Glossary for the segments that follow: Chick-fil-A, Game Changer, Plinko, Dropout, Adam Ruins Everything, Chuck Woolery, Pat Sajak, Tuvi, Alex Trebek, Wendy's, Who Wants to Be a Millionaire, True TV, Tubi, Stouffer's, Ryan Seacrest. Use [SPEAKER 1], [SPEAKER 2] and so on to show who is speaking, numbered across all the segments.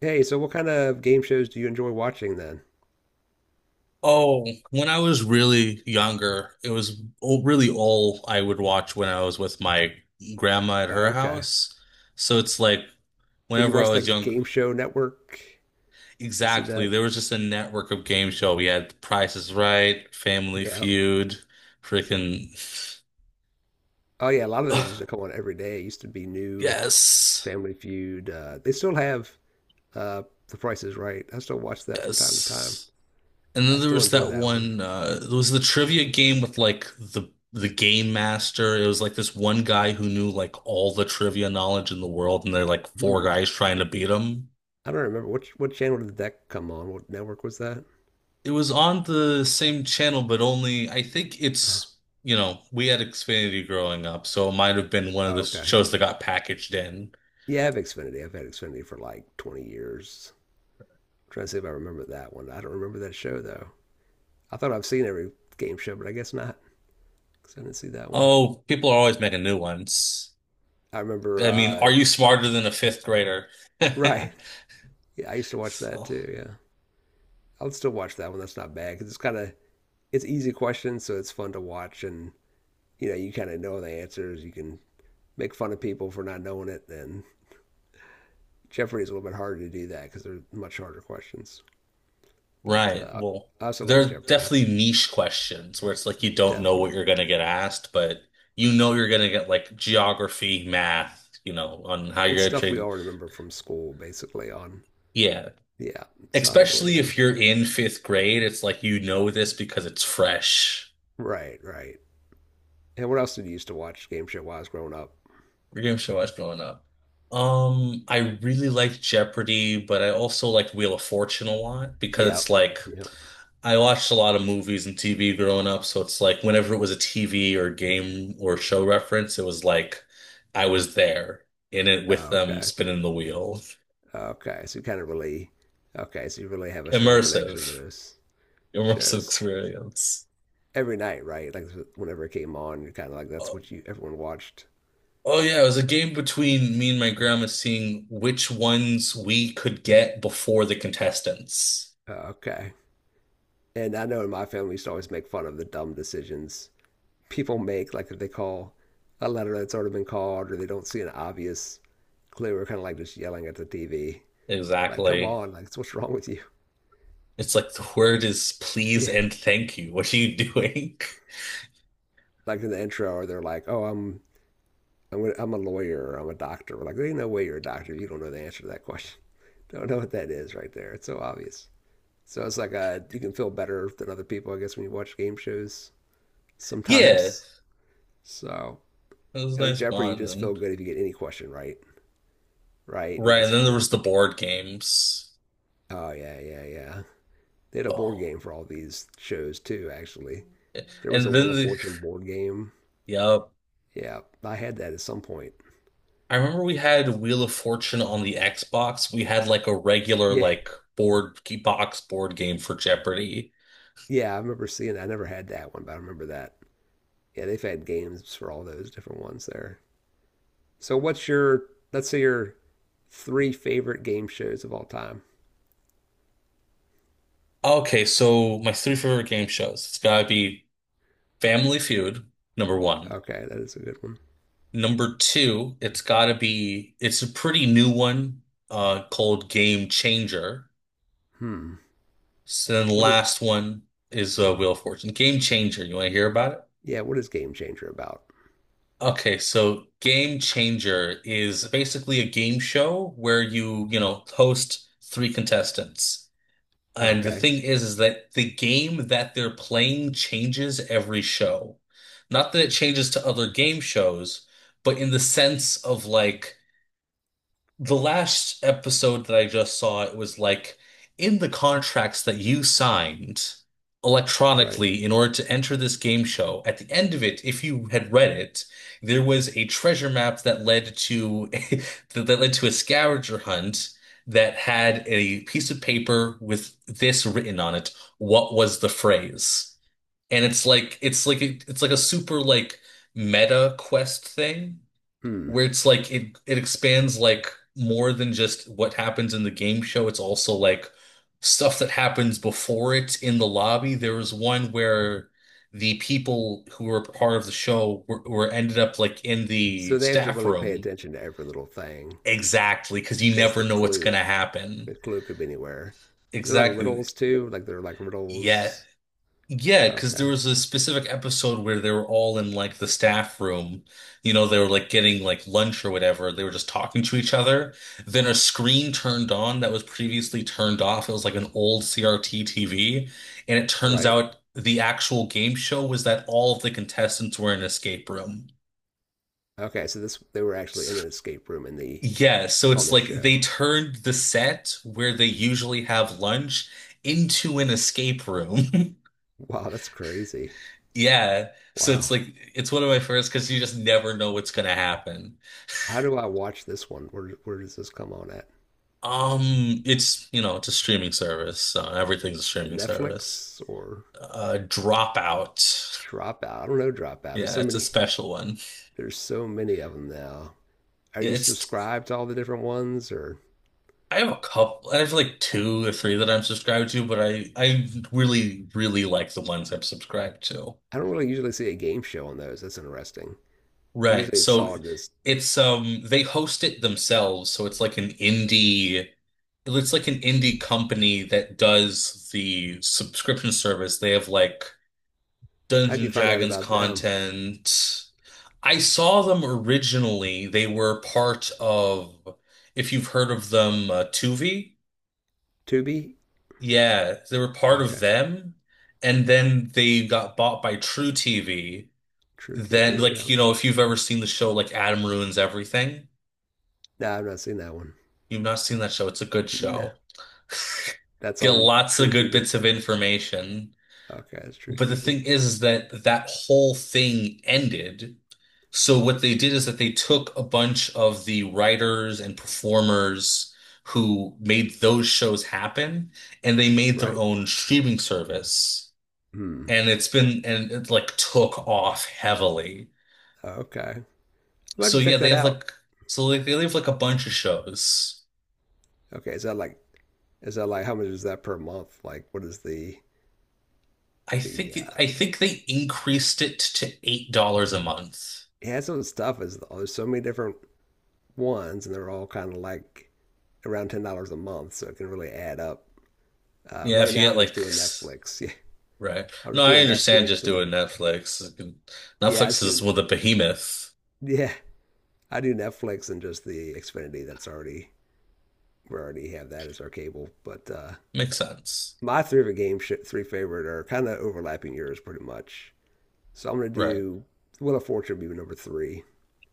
[SPEAKER 1] Hey, so what kind of game shows do you enjoy watching then?
[SPEAKER 2] Oh, when I was really younger, it was all, really all I would watch when I was with my grandma at
[SPEAKER 1] Uh,
[SPEAKER 2] her
[SPEAKER 1] okay.
[SPEAKER 2] house. So it's like
[SPEAKER 1] Did you
[SPEAKER 2] whenever I
[SPEAKER 1] watch
[SPEAKER 2] was
[SPEAKER 1] like
[SPEAKER 2] young,
[SPEAKER 1] Game Show Network? Do you see
[SPEAKER 2] exactly,
[SPEAKER 1] that?
[SPEAKER 2] there was just a network of game show. We had Price is Right, Family
[SPEAKER 1] Yeah.
[SPEAKER 2] Feud, freaking
[SPEAKER 1] Oh yeah, a lot of those used to come on every day. It used to be new,
[SPEAKER 2] yes,
[SPEAKER 1] Family Feud. They still have uh, The Price is Right. I still watch that from time to time.
[SPEAKER 2] yes. And
[SPEAKER 1] I
[SPEAKER 2] then there
[SPEAKER 1] still
[SPEAKER 2] was
[SPEAKER 1] enjoy
[SPEAKER 2] that
[SPEAKER 1] that one.
[SPEAKER 2] one there was the trivia game with like the game master. It was like this one guy who knew like all the trivia knowledge in the world and they're like four
[SPEAKER 1] Hmm.
[SPEAKER 2] guys trying to beat him.
[SPEAKER 1] I don't remember which. What channel did that come on? What network was that?
[SPEAKER 2] It was on the same channel, but only I think
[SPEAKER 1] Uh,
[SPEAKER 2] we had Xfinity growing up, so it might have been one of
[SPEAKER 1] oh,
[SPEAKER 2] the
[SPEAKER 1] okay.
[SPEAKER 2] shows that got packaged in.
[SPEAKER 1] Yeah, I have Xfinity. I've had Xfinity for like 20 years. I'm trying to see if I remember that one. I don't remember that show though. I thought I've seen every game show, but I guess not because I didn't see that one.
[SPEAKER 2] Oh, people are always making new ones.
[SPEAKER 1] I remember,
[SPEAKER 2] I mean, are you smarter than a fifth grader?
[SPEAKER 1] right? Yeah, I used to watch that
[SPEAKER 2] So,
[SPEAKER 1] too. Yeah, I'll still watch that one. That's not bad because it's kind of it's easy questions, so it's fun to watch, and you know you kind of know the answers. You can make fun of people for not knowing it. And Jeopardy is a little bit harder to do that because they're much harder questions. But
[SPEAKER 2] right. Well,
[SPEAKER 1] I also
[SPEAKER 2] there
[SPEAKER 1] like
[SPEAKER 2] are
[SPEAKER 1] Jeopardy,
[SPEAKER 2] definitely niche questions where it's like you don't know what
[SPEAKER 1] definitely.
[SPEAKER 2] you're going to get asked, but you know you're going to get like geography, math, on how you're
[SPEAKER 1] It's
[SPEAKER 2] going to
[SPEAKER 1] stuff we
[SPEAKER 2] train.
[SPEAKER 1] all remember from school, basically. On
[SPEAKER 2] Yeah.
[SPEAKER 1] yeah, so I enjoy
[SPEAKER 2] Especially
[SPEAKER 1] that one.
[SPEAKER 2] if you're in fifth grade, it's like you know this because it's fresh.
[SPEAKER 1] Right, right. And what else did you used to watch game show wise growing up?
[SPEAKER 2] We're going to show I was growing up. I really like Jeopardy, but I also like Wheel of Fortune a lot because
[SPEAKER 1] Yep.
[SPEAKER 2] it's like
[SPEAKER 1] Yep.
[SPEAKER 2] I watched a lot of movies and TV growing up, so it's like whenever it was a TV or game or show reference, it was like I was there in it
[SPEAKER 1] Oh,
[SPEAKER 2] with them
[SPEAKER 1] okay.
[SPEAKER 2] spinning the wheel.
[SPEAKER 1] Okay. So you kind of really, okay. So you really have a strong connection to
[SPEAKER 2] Immersive,
[SPEAKER 1] those
[SPEAKER 2] immersive
[SPEAKER 1] shows
[SPEAKER 2] experience.
[SPEAKER 1] every night, right? Like so whenever it came on, you're kind of like, that's
[SPEAKER 2] Oh,
[SPEAKER 1] what you, everyone watched.
[SPEAKER 2] oh yeah, it was a game between me and my grandma seeing which ones we could get before the contestants.
[SPEAKER 1] Oh, okay. And I know in my family, we used to always make fun of the dumb decisions people make, like if they call a letter that's already been called or they don't see an obvious clue, we're kind of like just yelling at the TV, like, come
[SPEAKER 2] Exactly.
[SPEAKER 1] on, like, what's wrong with you?
[SPEAKER 2] It's like the word is please
[SPEAKER 1] Yeah.
[SPEAKER 2] and thank you. What are you doing?
[SPEAKER 1] Like in the intro, or they're like, oh, I'm a lawyer or I'm a doctor. We're like, there ain't no way you're a doctor. You don't know the answer to that question. Don't know what that is right there. It's so obvious. So it's like you can feel better than other people, I guess, when you watch game shows
[SPEAKER 2] Yeah,
[SPEAKER 1] sometimes. So
[SPEAKER 2] it was a
[SPEAKER 1] you know, with
[SPEAKER 2] nice
[SPEAKER 1] Jeopardy, you just feel
[SPEAKER 2] bond.
[SPEAKER 1] good if you get any question right, right? You
[SPEAKER 2] Right, and
[SPEAKER 1] just
[SPEAKER 2] then
[SPEAKER 1] feel
[SPEAKER 2] there
[SPEAKER 1] like,
[SPEAKER 2] was the board games.
[SPEAKER 1] oh yeah, yeah, yeah. They had a board
[SPEAKER 2] Oh.
[SPEAKER 1] game for all these shows too, actually. There was a
[SPEAKER 2] And
[SPEAKER 1] Wheel
[SPEAKER 2] then
[SPEAKER 1] of
[SPEAKER 2] the
[SPEAKER 1] Fortune board game.
[SPEAKER 2] yep.
[SPEAKER 1] Yeah, I had that at some point.
[SPEAKER 2] I remember we had Wheel of Fortune on the Xbox. We had like a regular
[SPEAKER 1] Yeah,
[SPEAKER 2] like board box board game for Jeopardy.
[SPEAKER 1] yeah, I remember seeing that. I never had that one, but I remember that. Yeah, they've had games for all those different ones there. So what's your let's say your three favorite game shows of all time?
[SPEAKER 2] Okay, so my three favorite game shows. It's gotta be Family Feud, number one.
[SPEAKER 1] Okay, that is a good one.
[SPEAKER 2] Number two, it's gotta be it's a pretty new one, called Game Changer.
[SPEAKER 1] Hmm.
[SPEAKER 2] So then the
[SPEAKER 1] What is
[SPEAKER 2] last one is Wheel of Fortune. Game Changer, you wanna hear about it?
[SPEAKER 1] yeah, what is Game Changer about?
[SPEAKER 2] Okay, so Game Changer is basically a game show where you, host three contestants. And the
[SPEAKER 1] Okay,
[SPEAKER 2] thing is that the game that they're playing changes every show. Not that it changes to other game shows, but in the sense of like the last episode that I just saw, it was like in the contracts that you signed
[SPEAKER 1] right.
[SPEAKER 2] electronically in order to enter this game show. At the end of it, if you had read it, there was a treasure map that led to that led to a scavenger hunt that had a piece of paper with this written on it. What was the phrase? And it's like a super like meta quest thing
[SPEAKER 1] Hmm.
[SPEAKER 2] where it's like it expands like more than just what happens in the game show. It's also like stuff that happens before it in the lobby. There was one where the people who were part of the show were ended up like in the
[SPEAKER 1] So they have to
[SPEAKER 2] staff
[SPEAKER 1] really pay
[SPEAKER 2] room.
[SPEAKER 1] attention to every little thing
[SPEAKER 2] Exactly, because you
[SPEAKER 1] because
[SPEAKER 2] never know what's gonna happen.
[SPEAKER 1] the clue could be anywhere. Is it like
[SPEAKER 2] Exactly.
[SPEAKER 1] riddles too? Like they're like
[SPEAKER 2] Yeah,
[SPEAKER 1] riddles.
[SPEAKER 2] Yeah, because
[SPEAKER 1] Okay.
[SPEAKER 2] there was a specific episode where they were all in like the staff room. You know, they were like getting like lunch or whatever. They were just talking to each other. Then a screen turned on that was previously turned off. It was like an old CRT TV. And it turns
[SPEAKER 1] Right.
[SPEAKER 2] out the actual game show was that all of the contestants were in an escape room.
[SPEAKER 1] Okay, so this they were actually in
[SPEAKER 2] S-
[SPEAKER 1] an escape room in the
[SPEAKER 2] Yeah, so
[SPEAKER 1] on
[SPEAKER 2] it's
[SPEAKER 1] the
[SPEAKER 2] like
[SPEAKER 1] show.
[SPEAKER 2] they turned the set where they usually have lunch into an escape room.
[SPEAKER 1] Wow, that's crazy.
[SPEAKER 2] Yeah. So it's
[SPEAKER 1] Wow.
[SPEAKER 2] like it's one of my first because you just never know what's gonna happen.
[SPEAKER 1] How do I watch this one? Where does this come on at?
[SPEAKER 2] It's a streaming service, so everything's a
[SPEAKER 1] At
[SPEAKER 2] streaming service.
[SPEAKER 1] Netflix or
[SPEAKER 2] Dropout.
[SPEAKER 1] Dropout? I don't know Dropout. There's
[SPEAKER 2] Yeah,
[SPEAKER 1] so
[SPEAKER 2] it's a
[SPEAKER 1] many.
[SPEAKER 2] special one.
[SPEAKER 1] There's so many of them now. Are
[SPEAKER 2] Yeah,
[SPEAKER 1] you
[SPEAKER 2] it's
[SPEAKER 1] subscribed to all the different ones, or
[SPEAKER 2] I have a couple I have like two or three that I'm subscribed to, but I really, really like the ones I'm subscribed to.
[SPEAKER 1] I don't really usually see a game show on those. That's interesting.
[SPEAKER 2] Right.
[SPEAKER 1] Usually it's
[SPEAKER 2] So
[SPEAKER 1] all just.
[SPEAKER 2] it's they host it themselves, so it's like an indie company that does the subscription service. They have like
[SPEAKER 1] How
[SPEAKER 2] Dungeons
[SPEAKER 1] do you
[SPEAKER 2] and
[SPEAKER 1] find out
[SPEAKER 2] Dragons
[SPEAKER 1] about them?
[SPEAKER 2] content. I saw them originally. They were part of, if you've heard of them, Tuvi.
[SPEAKER 1] Tubi?
[SPEAKER 2] Yeah, they were part of
[SPEAKER 1] Okay,
[SPEAKER 2] them, and then they got bought by True TV.
[SPEAKER 1] True
[SPEAKER 2] Then,
[SPEAKER 1] TV.
[SPEAKER 2] like,
[SPEAKER 1] Yep.
[SPEAKER 2] you know, if you've ever seen the show, like Adam Ruins Everything,
[SPEAKER 1] No, I've not seen that one.
[SPEAKER 2] you've not seen that show. It's a good
[SPEAKER 1] No,
[SPEAKER 2] show.
[SPEAKER 1] that's
[SPEAKER 2] Get
[SPEAKER 1] on
[SPEAKER 2] lots of
[SPEAKER 1] True
[SPEAKER 2] good
[SPEAKER 1] TV.
[SPEAKER 2] bits of information.
[SPEAKER 1] Okay, it's True
[SPEAKER 2] But the
[SPEAKER 1] TV.
[SPEAKER 2] thing is that that whole thing ended. So what they did is that they took a bunch of the writers and performers who made those shows happen, and they made their
[SPEAKER 1] Right.
[SPEAKER 2] own streaming service.
[SPEAKER 1] Hmm.
[SPEAKER 2] And it's been and it like took off heavily.
[SPEAKER 1] Okay. I'm about
[SPEAKER 2] So
[SPEAKER 1] to
[SPEAKER 2] yeah,
[SPEAKER 1] check
[SPEAKER 2] they
[SPEAKER 1] that
[SPEAKER 2] have
[SPEAKER 1] out.
[SPEAKER 2] like so like they have like a bunch of shows.
[SPEAKER 1] Okay, is that like how much is that per month? Like what is
[SPEAKER 2] I
[SPEAKER 1] the
[SPEAKER 2] think it, I think they increased it to $8 a month.
[SPEAKER 1] he has some stuff is oh, there's so many different ones and they're all kind of like around $10 a month, so it can really add up.
[SPEAKER 2] Yeah,
[SPEAKER 1] Right
[SPEAKER 2] if you
[SPEAKER 1] now
[SPEAKER 2] get
[SPEAKER 1] I'm just
[SPEAKER 2] like
[SPEAKER 1] doing Netflix. Yeah.
[SPEAKER 2] Right.
[SPEAKER 1] I was
[SPEAKER 2] No, I
[SPEAKER 1] doing
[SPEAKER 2] understand
[SPEAKER 1] Netflix
[SPEAKER 2] just
[SPEAKER 1] and
[SPEAKER 2] doing Netflix.
[SPEAKER 1] yeah, I
[SPEAKER 2] Netflix
[SPEAKER 1] just
[SPEAKER 2] is
[SPEAKER 1] do
[SPEAKER 2] with a behemoth.
[SPEAKER 1] yeah, I do Netflix and just the Xfinity that's already we already have that as our cable. But
[SPEAKER 2] Makes sense.
[SPEAKER 1] my three of a game sh three favorite are kind of overlapping yours pretty much. So I'm gonna
[SPEAKER 2] Right.
[SPEAKER 1] do Wheel of Fortune would be number three.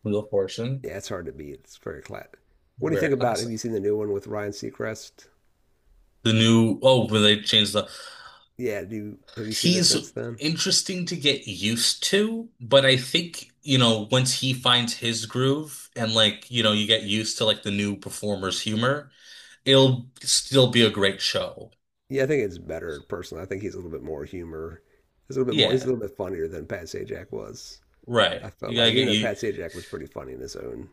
[SPEAKER 2] Wheel of Fortune,
[SPEAKER 1] Yeah, it's hard to beat. It's very flat. What do you
[SPEAKER 2] very
[SPEAKER 1] think about? Have
[SPEAKER 2] classic.
[SPEAKER 1] you seen the new one with Ryan Seacrest?
[SPEAKER 2] The new oh, when they changed the
[SPEAKER 1] Yeah, have you seen it
[SPEAKER 2] he's
[SPEAKER 1] since then?
[SPEAKER 2] interesting to get used to, but I think, you know, once he finds his groove and like, you know, you get used to like the new performer's humor, it'll still be a great show.
[SPEAKER 1] Yeah, I think it's better personally. I think he's a little bit more humor. He's a little bit more. He's a
[SPEAKER 2] Yeah,
[SPEAKER 1] little bit funnier than Pat Sajak was.
[SPEAKER 2] right.
[SPEAKER 1] I
[SPEAKER 2] You
[SPEAKER 1] felt like,
[SPEAKER 2] gotta
[SPEAKER 1] even
[SPEAKER 2] get
[SPEAKER 1] though
[SPEAKER 2] you
[SPEAKER 1] Pat Sajak was pretty funny in his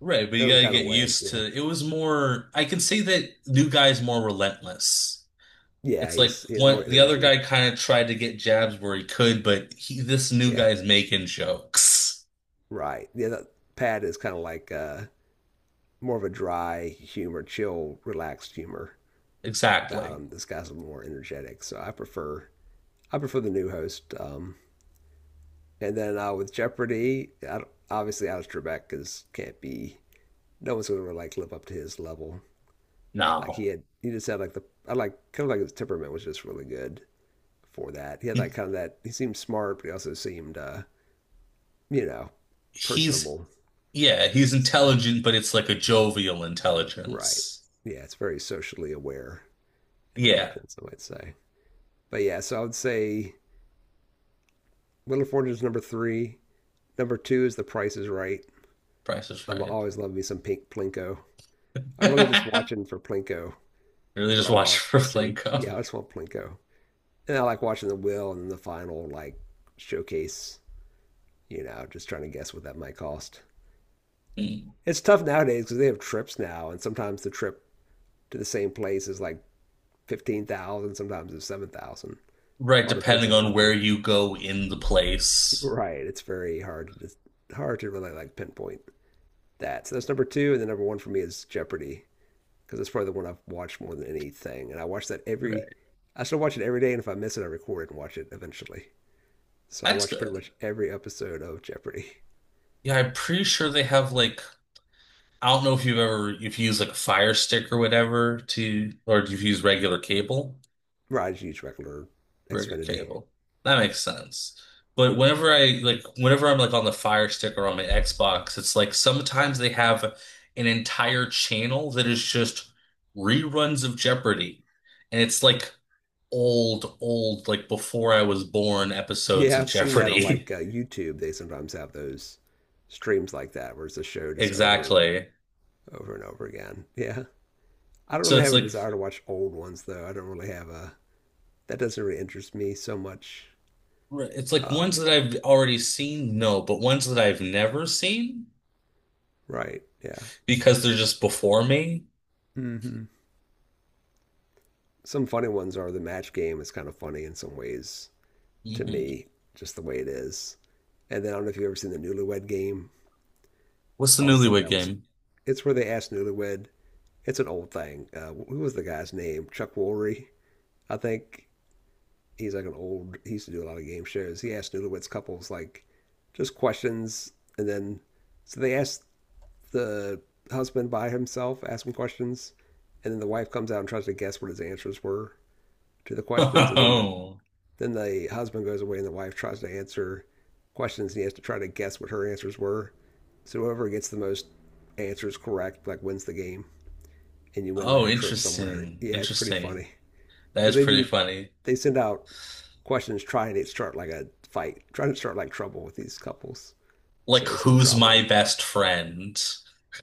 [SPEAKER 2] right, but you
[SPEAKER 1] own
[SPEAKER 2] gotta
[SPEAKER 1] kind of
[SPEAKER 2] get
[SPEAKER 1] way.
[SPEAKER 2] used
[SPEAKER 1] Yeah,
[SPEAKER 2] to it was more I can see that new guy's more relentless.
[SPEAKER 1] yeah,
[SPEAKER 2] It's like
[SPEAKER 1] he has
[SPEAKER 2] one
[SPEAKER 1] more
[SPEAKER 2] the other guy
[SPEAKER 1] energy.
[SPEAKER 2] kind of tried to get jabs where he could, but he this new
[SPEAKER 1] Yeah,
[SPEAKER 2] guy's making jokes.
[SPEAKER 1] right. Pat is kind of like more of a dry humor, chill, relaxed humor about
[SPEAKER 2] Exactly.
[SPEAKER 1] him. This guy's a little more energetic, so I prefer the new host. And then with Jeopardy, I obviously Alex Trebek is can't be. No one's gonna really, like live up to his level.
[SPEAKER 2] No.
[SPEAKER 1] He just had like the I like kind of like his temperament was just really good for that. He had like kind of that. He seemed smart, but he also seemed, you know,
[SPEAKER 2] He's
[SPEAKER 1] personable.
[SPEAKER 2] yeah, he's
[SPEAKER 1] So
[SPEAKER 2] intelligent, but it's like a jovial
[SPEAKER 1] right,
[SPEAKER 2] intelligence.
[SPEAKER 1] yeah, it's very socially aware
[SPEAKER 2] Yeah,
[SPEAKER 1] intelligence, I might say. But yeah, so I would say Wheel of Fortune is number three. Number two is The Price is Right.
[SPEAKER 2] Price is
[SPEAKER 1] I'm
[SPEAKER 2] right.
[SPEAKER 1] always love me some pink Plinko. I'm really just watching for Plinko
[SPEAKER 2] Really
[SPEAKER 1] is what
[SPEAKER 2] just
[SPEAKER 1] I
[SPEAKER 2] watch
[SPEAKER 1] want
[SPEAKER 2] for
[SPEAKER 1] to see.
[SPEAKER 2] Flanco.
[SPEAKER 1] Yeah, I just want Plinko. And I like watching the will and the final like showcase. You know, just trying to guess what that might cost. It's tough nowadays because they have trips now, and sometimes the trip to the same place is like 15,000, sometimes it's 7,000.
[SPEAKER 2] Right,
[SPEAKER 1] All depends
[SPEAKER 2] depending
[SPEAKER 1] on what
[SPEAKER 2] on
[SPEAKER 1] like
[SPEAKER 2] where
[SPEAKER 1] the
[SPEAKER 2] you go in the place.
[SPEAKER 1] right. It's very hard to really like pinpoint that. So that's number two, and then number one for me is Jeopardy because it's probably the one I've watched more than anything, and I watch that every.
[SPEAKER 2] Right.
[SPEAKER 1] I still watch it every day, and if I miss it, I record it and watch it eventually. So I
[SPEAKER 2] That's
[SPEAKER 1] watch pretty
[SPEAKER 2] good.
[SPEAKER 1] much every episode of Jeopardy.
[SPEAKER 2] Yeah, I'm pretty sure they have like I don't know if you've ever if you use like a Fire Stick or whatever to or if you use regular cable,
[SPEAKER 1] Rod's huge regular
[SPEAKER 2] regular
[SPEAKER 1] Xfinity.
[SPEAKER 2] cable. That makes sense. But whenever I'm like on the Fire Stick or on my Xbox, it's like sometimes they have an entire channel that is just reruns of Jeopardy. And it's like old, old, like before I was born episodes
[SPEAKER 1] Yeah,
[SPEAKER 2] of
[SPEAKER 1] I've seen that on
[SPEAKER 2] Jeopardy.
[SPEAKER 1] like YouTube. They sometimes have those streams like that where it's a show just over,
[SPEAKER 2] Exactly.
[SPEAKER 1] over and over again. Yeah. I don't
[SPEAKER 2] So
[SPEAKER 1] really
[SPEAKER 2] it's
[SPEAKER 1] have a
[SPEAKER 2] like
[SPEAKER 1] desire to watch old ones though. I don't really have a, that doesn't really interest me so much.
[SPEAKER 2] right. It's like ones
[SPEAKER 1] Um,
[SPEAKER 2] that I've already seen, no, but ones that I've never seen
[SPEAKER 1] right. Yeah.
[SPEAKER 2] because they're just before me.
[SPEAKER 1] Hmm. Some funny ones are the match game is kind of funny in some ways to
[SPEAKER 2] Mhm.
[SPEAKER 1] me, just the way it is. And then I don't know if you've ever seen the Newlywed Game.
[SPEAKER 2] What's
[SPEAKER 1] Oh,
[SPEAKER 2] the
[SPEAKER 1] I always thought
[SPEAKER 2] Newlywed
[SPEAKER 1] that was.
[SPEAKER 2] Game?
[SPEAKER 1] It's where they asked Newlywed. It's an old thing. Who was the guy's name? Chuck Woolery, I think. He's like an old. He used to do a lot of game shows. He asked Newlywed's couples like just questions, and then so they asked the husband by himself, asked him questions, and then the wife comes out and tries to guess what his answers were to the questions, and
[SPEAKER 2] Oh,
[SPEAKER 1] then the husband goes away and the wife tries to answer questions, and he has to try to guess what her answers were. So whoever gets the most answers correct like wins the game. And you win like
[SPEAKER 2] oh,
[SPEAKER 1] a trip somewhere.
[SPEAKER 2] interesting,
[SPEAKER 1] Yeah, it's pretty
[SPEAKER 2] interesting.
[SPEAKER 1] funny
[SPEAKER 2] That
[SPEAKER 1] because
[SPEAKER 2] is pretty funny.
[SPEAKER 1] they send out questions trying to start like a fight, trying to start like trouble with these couples.
[SPEAKER 2] Like,
[SPEAKER 1] So some
[SPEAKER 2] who's
[SPEAKER 1] drama.
[SPEAKER 2] my best friend?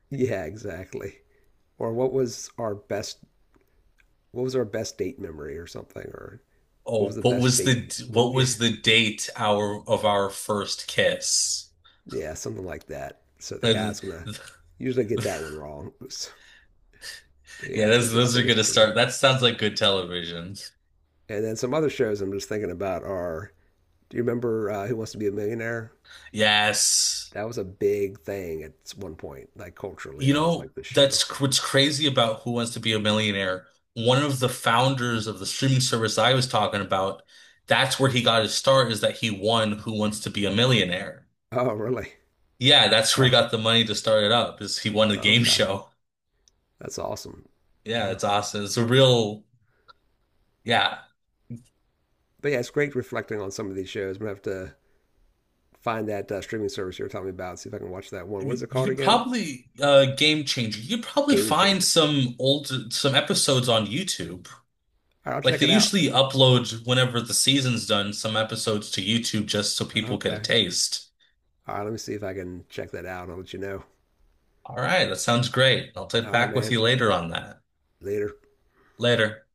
[SPEAKER 1] Yeah, exactly. Or what was our best? What was our best date memory or something? Or what was
[SPEAKER 2] Oh,
[SPEAKER 1] the best date you? Went,
[SPEAKER 2] what
[SPEAKER 1] yeah,
[SPEAKER 2] was the date our of our first kiss?
[SPEAKER 1] yeah, something like that. So the
[SPEAKER 2] Uh, th-
[SPEAKER 1] guy's gonna usually get
[SPEAKER 2] th-
[SPEAKER 1] that one wrong. But yeah,
[SPEAKER 2] Yeah,
[SPEAKER 1] it's it's. I
[SPEAKER 2] those are
[SPEAKER 1] think it's
[SPEAKER 2] gonna
[SPEAKER 1] pretty.
[SPEAKER 2] start. That sounds like good television.
[SPEAKER 1] And then some other shows I'm just thinking about are. Do you remember Who Wants to Be a Millionaire?
[SPEAKER 2] Yes.
[SPEAKER 1] That was a big thing at one point, like culturally,
[SPEAKER 2] You
[SPEAKER 1] that was
[SPEAKER 2] know,
[SPEAKER 1] like the show.
[SPEAKER 2] what's crazy about Who Wants to Be a Millionaire. One of the founders of the streaming service I was talking about, that's where he got his start, is that he won Who Wants to Be a Millionaire.
[SPEAKER 1] Oh, really?
[SPEAKER 2] Yeah, that's where he
[SPEAKER 1] Ah,
[SPEAKER 2] got the money to start it up, is he won the game
[SPEAKER 1] okay.
[SPEAKER 2] show.
[SPEAKER 1] That's awesome.
[SPEAKER 2] Yeah,
[SPEAKER 1] Oh.
[SPEAKER 2] it's awesome. It's a real, yeah.
[SPEAKER 1] But yeah, it's great reflecting on some of these shows. I'm gonna have to find that streaming service you were telling me about, see if I can watch that
[SPEAKER 2] I
[SPEAKER 1] one. What is
[SPEAKER 2] mean,
[SPEAKER 1] it
[SPEAKER 2] you
[SPEAKER 1] called
[SPEAKER 2] could
[SPEAKER 1] again?
[SPEAKER 2] probably game changer. You could probably
[SPEAKER 1] Game
[SPEAKER 2] find
[SPEAKER 1] Changer.
[SPEAKER 2] some old some episodes on YouTube.
[SPEAKER 1] All right, I'll
[SPEAKER 2] Like
[SPEAKER 1] check
[SPEAKER 2] they
[SPEAKER 1] it out.
[SPEAKER 2] usually upload whenever the season's done, some episodes to YouTube just so people get a
[SPEAKER 1] Okay.
[SPEAKER 2] taste.
[SPEAKER 1] All right, let me see if I can check that out. I'll let you know.
[SPEAKER 2] All right, that sounds great. I'll take
[SPEAKER 1] All right,
[SPEAKER 2] back with
[SPEAKER 1] man.
[SPEAKER 2] you later on that.
[SPEAKER 1] Later.
[SPEAKER 2] Later.